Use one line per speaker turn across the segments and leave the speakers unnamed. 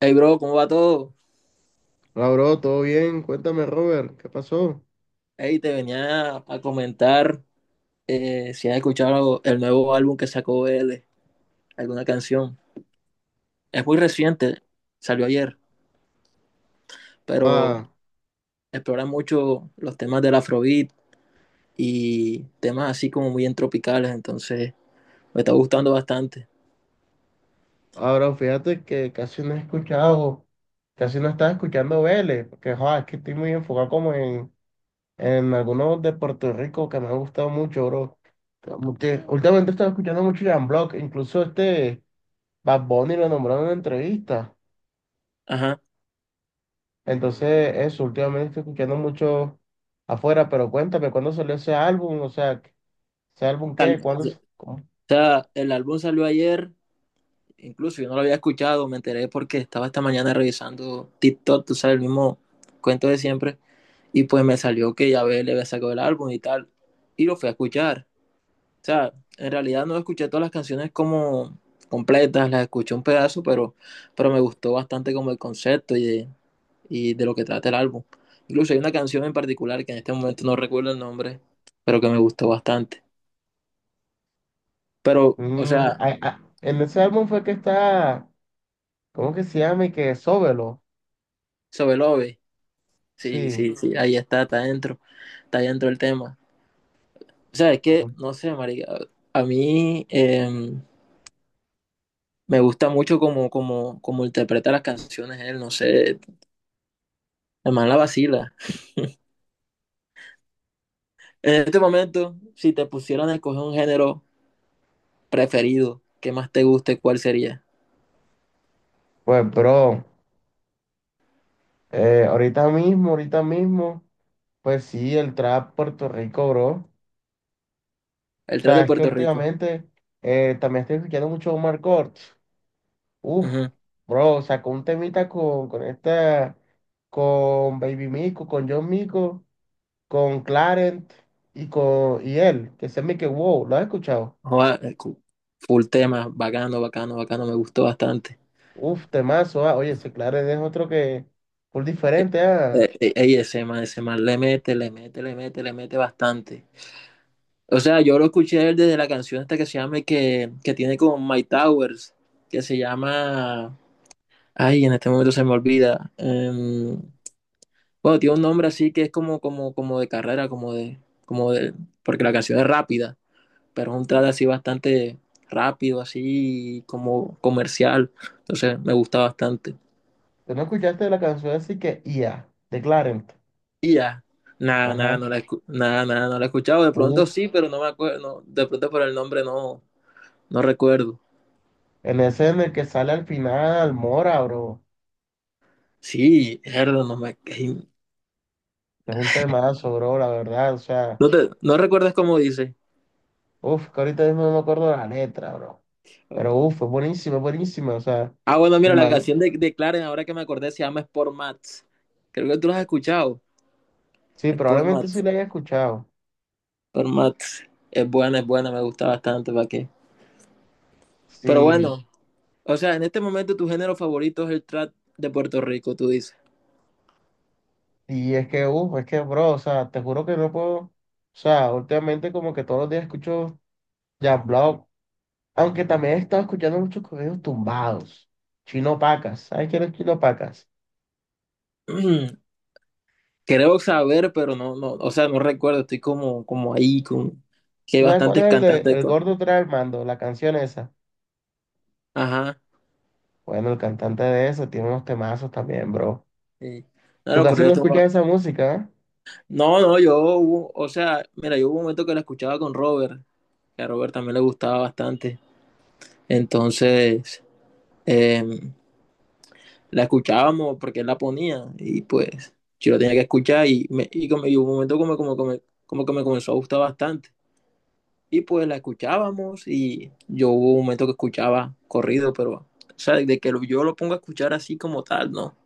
Hey, bro, ¿cómo va todo?
Hola, bro, ¿todo bien? Cuéntame, Robert, ¿qué pasó?
Hey, te venía a comentar si has escuchado el nuevo álbum que sacó él, alguna canción. Es muy reciente, salió ayer, pero
Ah,
explora mucho los temas del Afrobeat y temas así como muy entropicales, entonces me está gustando bastante.
ahora fíjate que casi no he escuchado, casi no estaba escuchando Vélez, porque joa, es que estoy muy enfocado como en algunos de Puerto Rico que me han gustado mucho, bro. Como que últimamente estaba escuchando mucho Jan Block, incluso este Bad Bunny lo nombraron en una entrevista.
Ajá.
Entonces, eso, últimamente estoy escuchando mucho afuera, pero cuéntame, ¿cuándo salió ese álbum? O sea, ¿ese álbum qué? ¿Cuándo?
O sea, el álbum salió ayer. Incluso yo no lo había escuchado, me enteré porque estaba esta mañana revisando TikTok, tú sabes, el mismo cuento de siempre. Y pues me salió que Yabel le había sacado el álbum y tal. Y lo fui a escuchar. O sea, en realidad no escuché todas las canciones como completas, las escuché un pedazo, pero me gustó bastante como el concepto y de lo que trata el álbum. Incluso hay una canción en particular que en este momento no recuerdo el nombre, pero que me gustó bastante. Pero, o sea,
En ese álbum fue que está, ¿cómo que se llama? Y que Sóbelo.
sobre Love. Sí,
Sí.
sí, sí, ahí está, está dentro el tema. O sea, es que, no sé, marica, a mí me gusta mucho como, como, como interpreta las canciones él, no sé, además la vacila. En este momento, si te pusieran a escoger un género preferido, que más te guste, ¿cuál sería?
Pues, bro, ahorita mismo, pues sí, el trap Puerto Rico, bro. O
El trap
sea,
de
es que
Puerto Rico.
últimamente también estoy escuchando mucho Omar Courtz. Uf,
Ujú.
bro, sacó un temita con esta, con Baby Mico, con John Mico, con Clarent y con y él, que se me que wow, ¿lo has escuchado?
Joda, full tema, bacano, bacano, bacano, me gustó bastante.
Uf, temazo, ah. Oye, ese Claret es otro que full diferente, ah.
Ey, ese man le mete, le mete, le mete, le mete bastante. O sea, yo lo escuché desde la canción esta que se llama, que tiene con My Towers, que se llama, ay, en este momento se me olvida. Bueno, tiene un nombre así que es como, como, como de carrera, como de, porque la canción es rápida, pero es un trad así bastante rápido, así como comercial. Entonces me gusta bastante.
¿Tú no escuchaste la canción así que IA, de Clarence?
Y ya, nada, nada,
Ajá.
no la he escuchado. De
Uf,
pronto sí, pero no me acuerdo, no, de pronto por el nombre no, no recuerdo.
en ese en el que sale al final Mora, bro.
Sí, Erdo,
Es un temazo, bro, la verdad. O sea,
¿no, te, no recuerdas cómo dice?
uf, que ahorita mismo no me acuerdo la letra, bro. Pero uf, es buenísimo, es buenísimo. O sea,
Ah, bueno,
el
mira, la
man.
canción de Clarence, ahora que me acordé, se llama Sport Mats. Creo que tú la has escuchado.
Sí,
Sport
probablemente sí
Mats,
la haya escuchado.
Sport Mats. Es buena, me gusta bastante, ¿para qué? Pero
Sí.
bueno, o sea, en este momento tu género favorito es el trap de Puerto Rico, tú dices.
Y es que, uf, es que, bro, o sea, te juro que no puedo. O sea, últimamente como que todos los días escucho Jan Block. Aunque también he estado escuchando muchos corridos tumbados. Chino Pacas. ¿Sabes quién es Chino Pacas?
Creo saber, pero no, no, o sea, no recuerdo, estoy como, como ahí, con, que
¿Tú
hay
¿sabes cuál es
bastantes
el de
cantantes
El
con...
Gordo trae el mando? La canción esa.
Ajá,
Bueno, el cantante de eso tiene unos temazos también, bro.
sí. No
Tú
lo
casi
corrido.
no escuchas esa música,
No, no, o sea, mira, yo hubo un momento que la escuchaba con Robert, que a Robert también le gustaba bastante. Entonces, em, la escuchábamos porque él la ponía y pues yo la tenía que escuchar y hubo un momento como que me comenzó a gustar bastante. Y pues la escuchábamos y yo hubo un momento que escuchaba corrido, pero, o sea, yo lo pongo a escuchar así como tal, ¿no?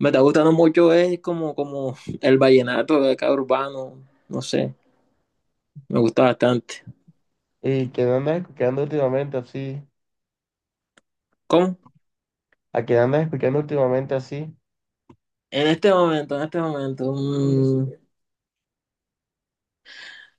Me está gustando mucho es como, como el vallenato de acá urbano, no sé, me gusta bastante.
¿eh? ¿Y quién andas escuchando últimamente así?
¿Cómo?
¿A quién andas escuchando últimamente así?
En este momento, mm,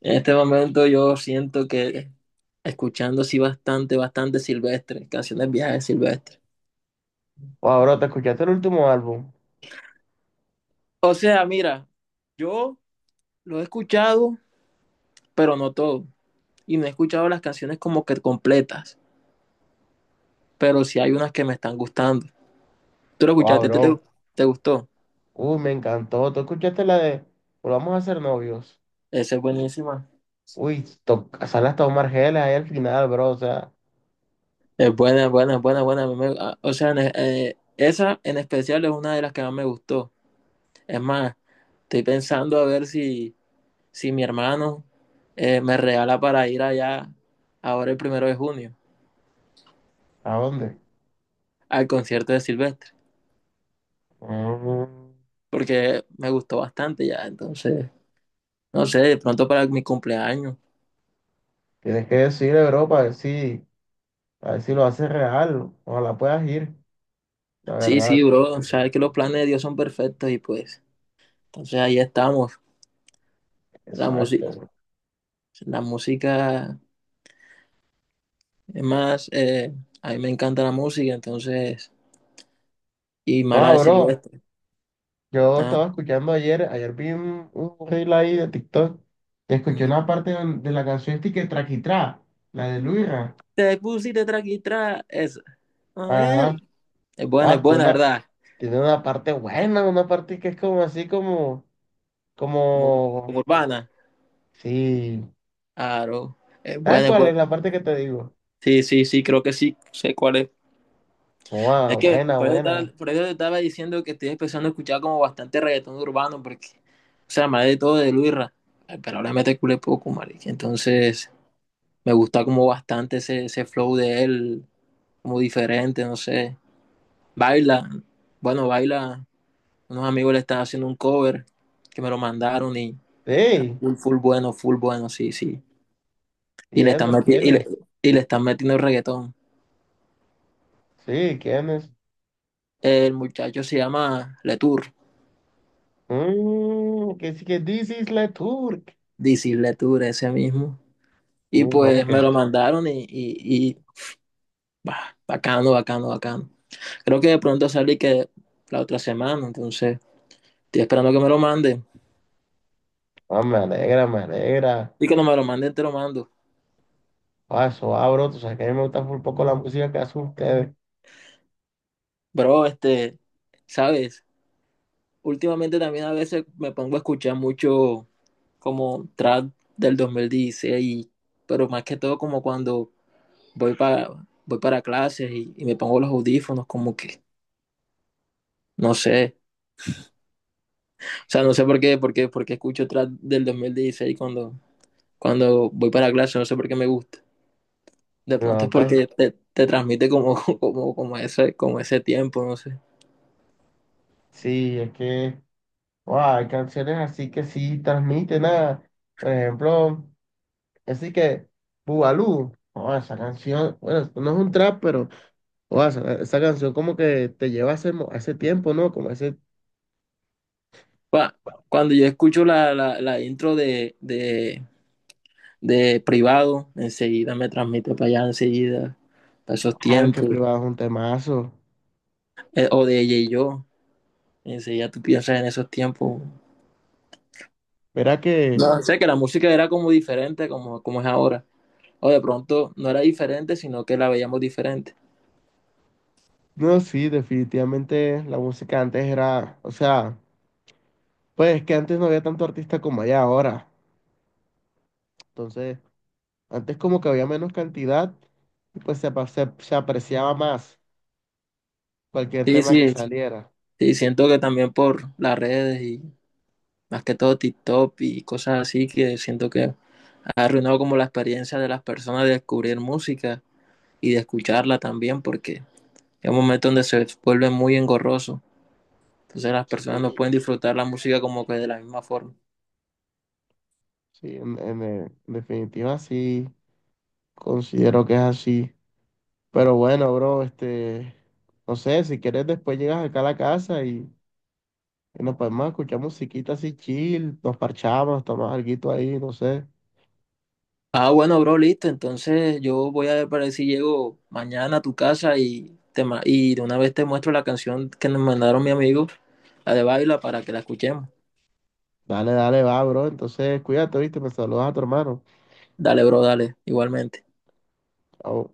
en este momento yo siento que escuchando sí bastante, bastante Silvestre, canciones viejas de Silvestre.
Wow, bro, ¿te escuchaste el último álbum?
O sea, mira, yo lo he escuchado, pero no todo. Y no he escuchado las canciones como que completas, pero sí hay unas que me están gustando. ¿Tú lo
Wow,
escuchaste?
bro.
¿Te gustó?
Uy, me encantó. ¿Tú escuchaste la de Volvamos a ser novios?
Esa es buenísima.
Uy, sale hasta Omar Geles ahí al final, bro. O sea,
Es buena, buena, buena, buena. A mí me- a- O sea, esa en especial es una de las que más me gustó. Es más, estoy pensando a ver si, si mi hermano me regala para ir allá ahora el primero de junio
¿a dónde?
al concierto de Silvestre,
Mm.
porque me gustó bastante ya, entonces, no sé, de pronto para mi cumpleaños.
Tienes que decirle, bro, para ver si lo haces real. Ojalá puedas ir, la
Sí,
verdad.
sí, bro, sabes que los planes de Dios son perfectos y pues, entonces ahí estamos. La música,
Exacto, bro.
la música, es más, a mí me encanta la música, entonces, y
Ah,
mala de
bro,
Silvestre.
yo
Ah,
estaba escuchando ayer, ayer vi un reel ahí de TikTok, escuché
ujú.
una parte de la canción esta y que Traquitrá, la de Luira.
Te pusiste traqui tra, eso. A
Ajá.
ver. Es
Ah,
buena, ¿verdad?
tiene una parte buena, una parte que es como así como,
Como, como
como,
urbana.
sí.
Claro. Es
¿Sabes
buena, es
cuál es
buena.
la parte que te digo?
Sí, sí, sí, creo que sí. Sé cuál es.
Ah,
Es que
buena,
por eso, estaba,
buena.
por eso te estaba diciendo que estoy empezando a escuchar como bastante reggaetón urbano, porque, o sea, más de todo de Luisra. Ay, pero ahora me te culé poco, marica. Entonces, me gusta como bastante ese, ese flow de él, como diferente, no sé. Baila, bueno, baila. Unos amigos le están haciendo un cover que me lo mandaron y está
Sí,
full, full bueno, sí, sí. Y
y
le están
eso,
meti-
¿quién
y
es?
le, y le están metiendo reggaetón.
Sí, ¿quién es?
El muchacho se llama Letour,
Mm, que sí que this is la Turk.
DC Letour, ese mismo. Y
Mm, ah,
pues
ok.
me lo mandaron bah, bacano, bacano, bacano. Creo que de pronto sale que la otra semana, entonces estoy esperando que me lo manden.
Ah, me alegra, me alegra.
Y cuando me lo manden, te lo mando.
Ah, eso abro, tú sabes que a mí me gusta un poco la música que hacen ustedes.
Bro, este, ¿sabes? Últimamente también a veces me pongo a escuchar mucho como trap del 2016, pero más que todo como cuando voy para, voy para clases y me pongo los audífonos como que, no sé, o sea, no sé por qué escucho trap del 2016 cuando, cuando voy para clases, no sé por qué me gusta. De pronto
No,
es
pues
porque te transmite como, como, como ese tiempo, no sé.
sí, es que guau, hay canciones así que sí transmiten nada. Por ejemplo, así que Bugalú, oh, esa canción, bueno, no es un trap, pero guau, esa canción como que te lleva a ese, a ese tiempo, ¿no? Como a ese,
Cua- Cuando yo escucho la intro de privado, enseguida me transmite para allá, enseguida, para esos
claro, es que
tiempos.
privado es un temazo.
O de ella y yo, enseguida tú piensas en esos tiempos.
Verá que.
No sé, que la música era como diferente, como, como es ahora. O de pronto no era diferente, sino que la veíamos diferente.
No, sí, definitivamente la música antes era, o sea, pues que antes no había tanto artista como hay ahora. Entonces, antes como que había menos cantidad y pues se, se apreciaba más cualquier
Sí,
tema que
sí,
saliera.
sí, siento que también por las redes y más que todo TikTok y cosas así, que siento que ha arruinado como la experiencia de las personas de descubrir música y de escucharla también, porque es un momento donde se vuelve muy engorroso. Entonces las personas no
Sí,
pueden disfrutar la música como que de la misma forma.
sí, en definitiva sí, considero que es así. Pero bueno, bro, este, no sé, si quieres después llegas acá a la casa y nos podemos escuchar musiquita así chill, nos parchamos, tomamos alguito ahí, no sé.
Ah, bueno, bro, listo. Entonces yo voy a ver para ver si llego mañana a tu casa y de una vez te muestro la canción que nos mandaron mi amigo, la de Baila, para que la escuchemos.
Dale, dale, va, bro. Entonces, cuídate, ¿viste? Me saludas a tu hermano.
Dale, bro, dale, igualmente.
Chao.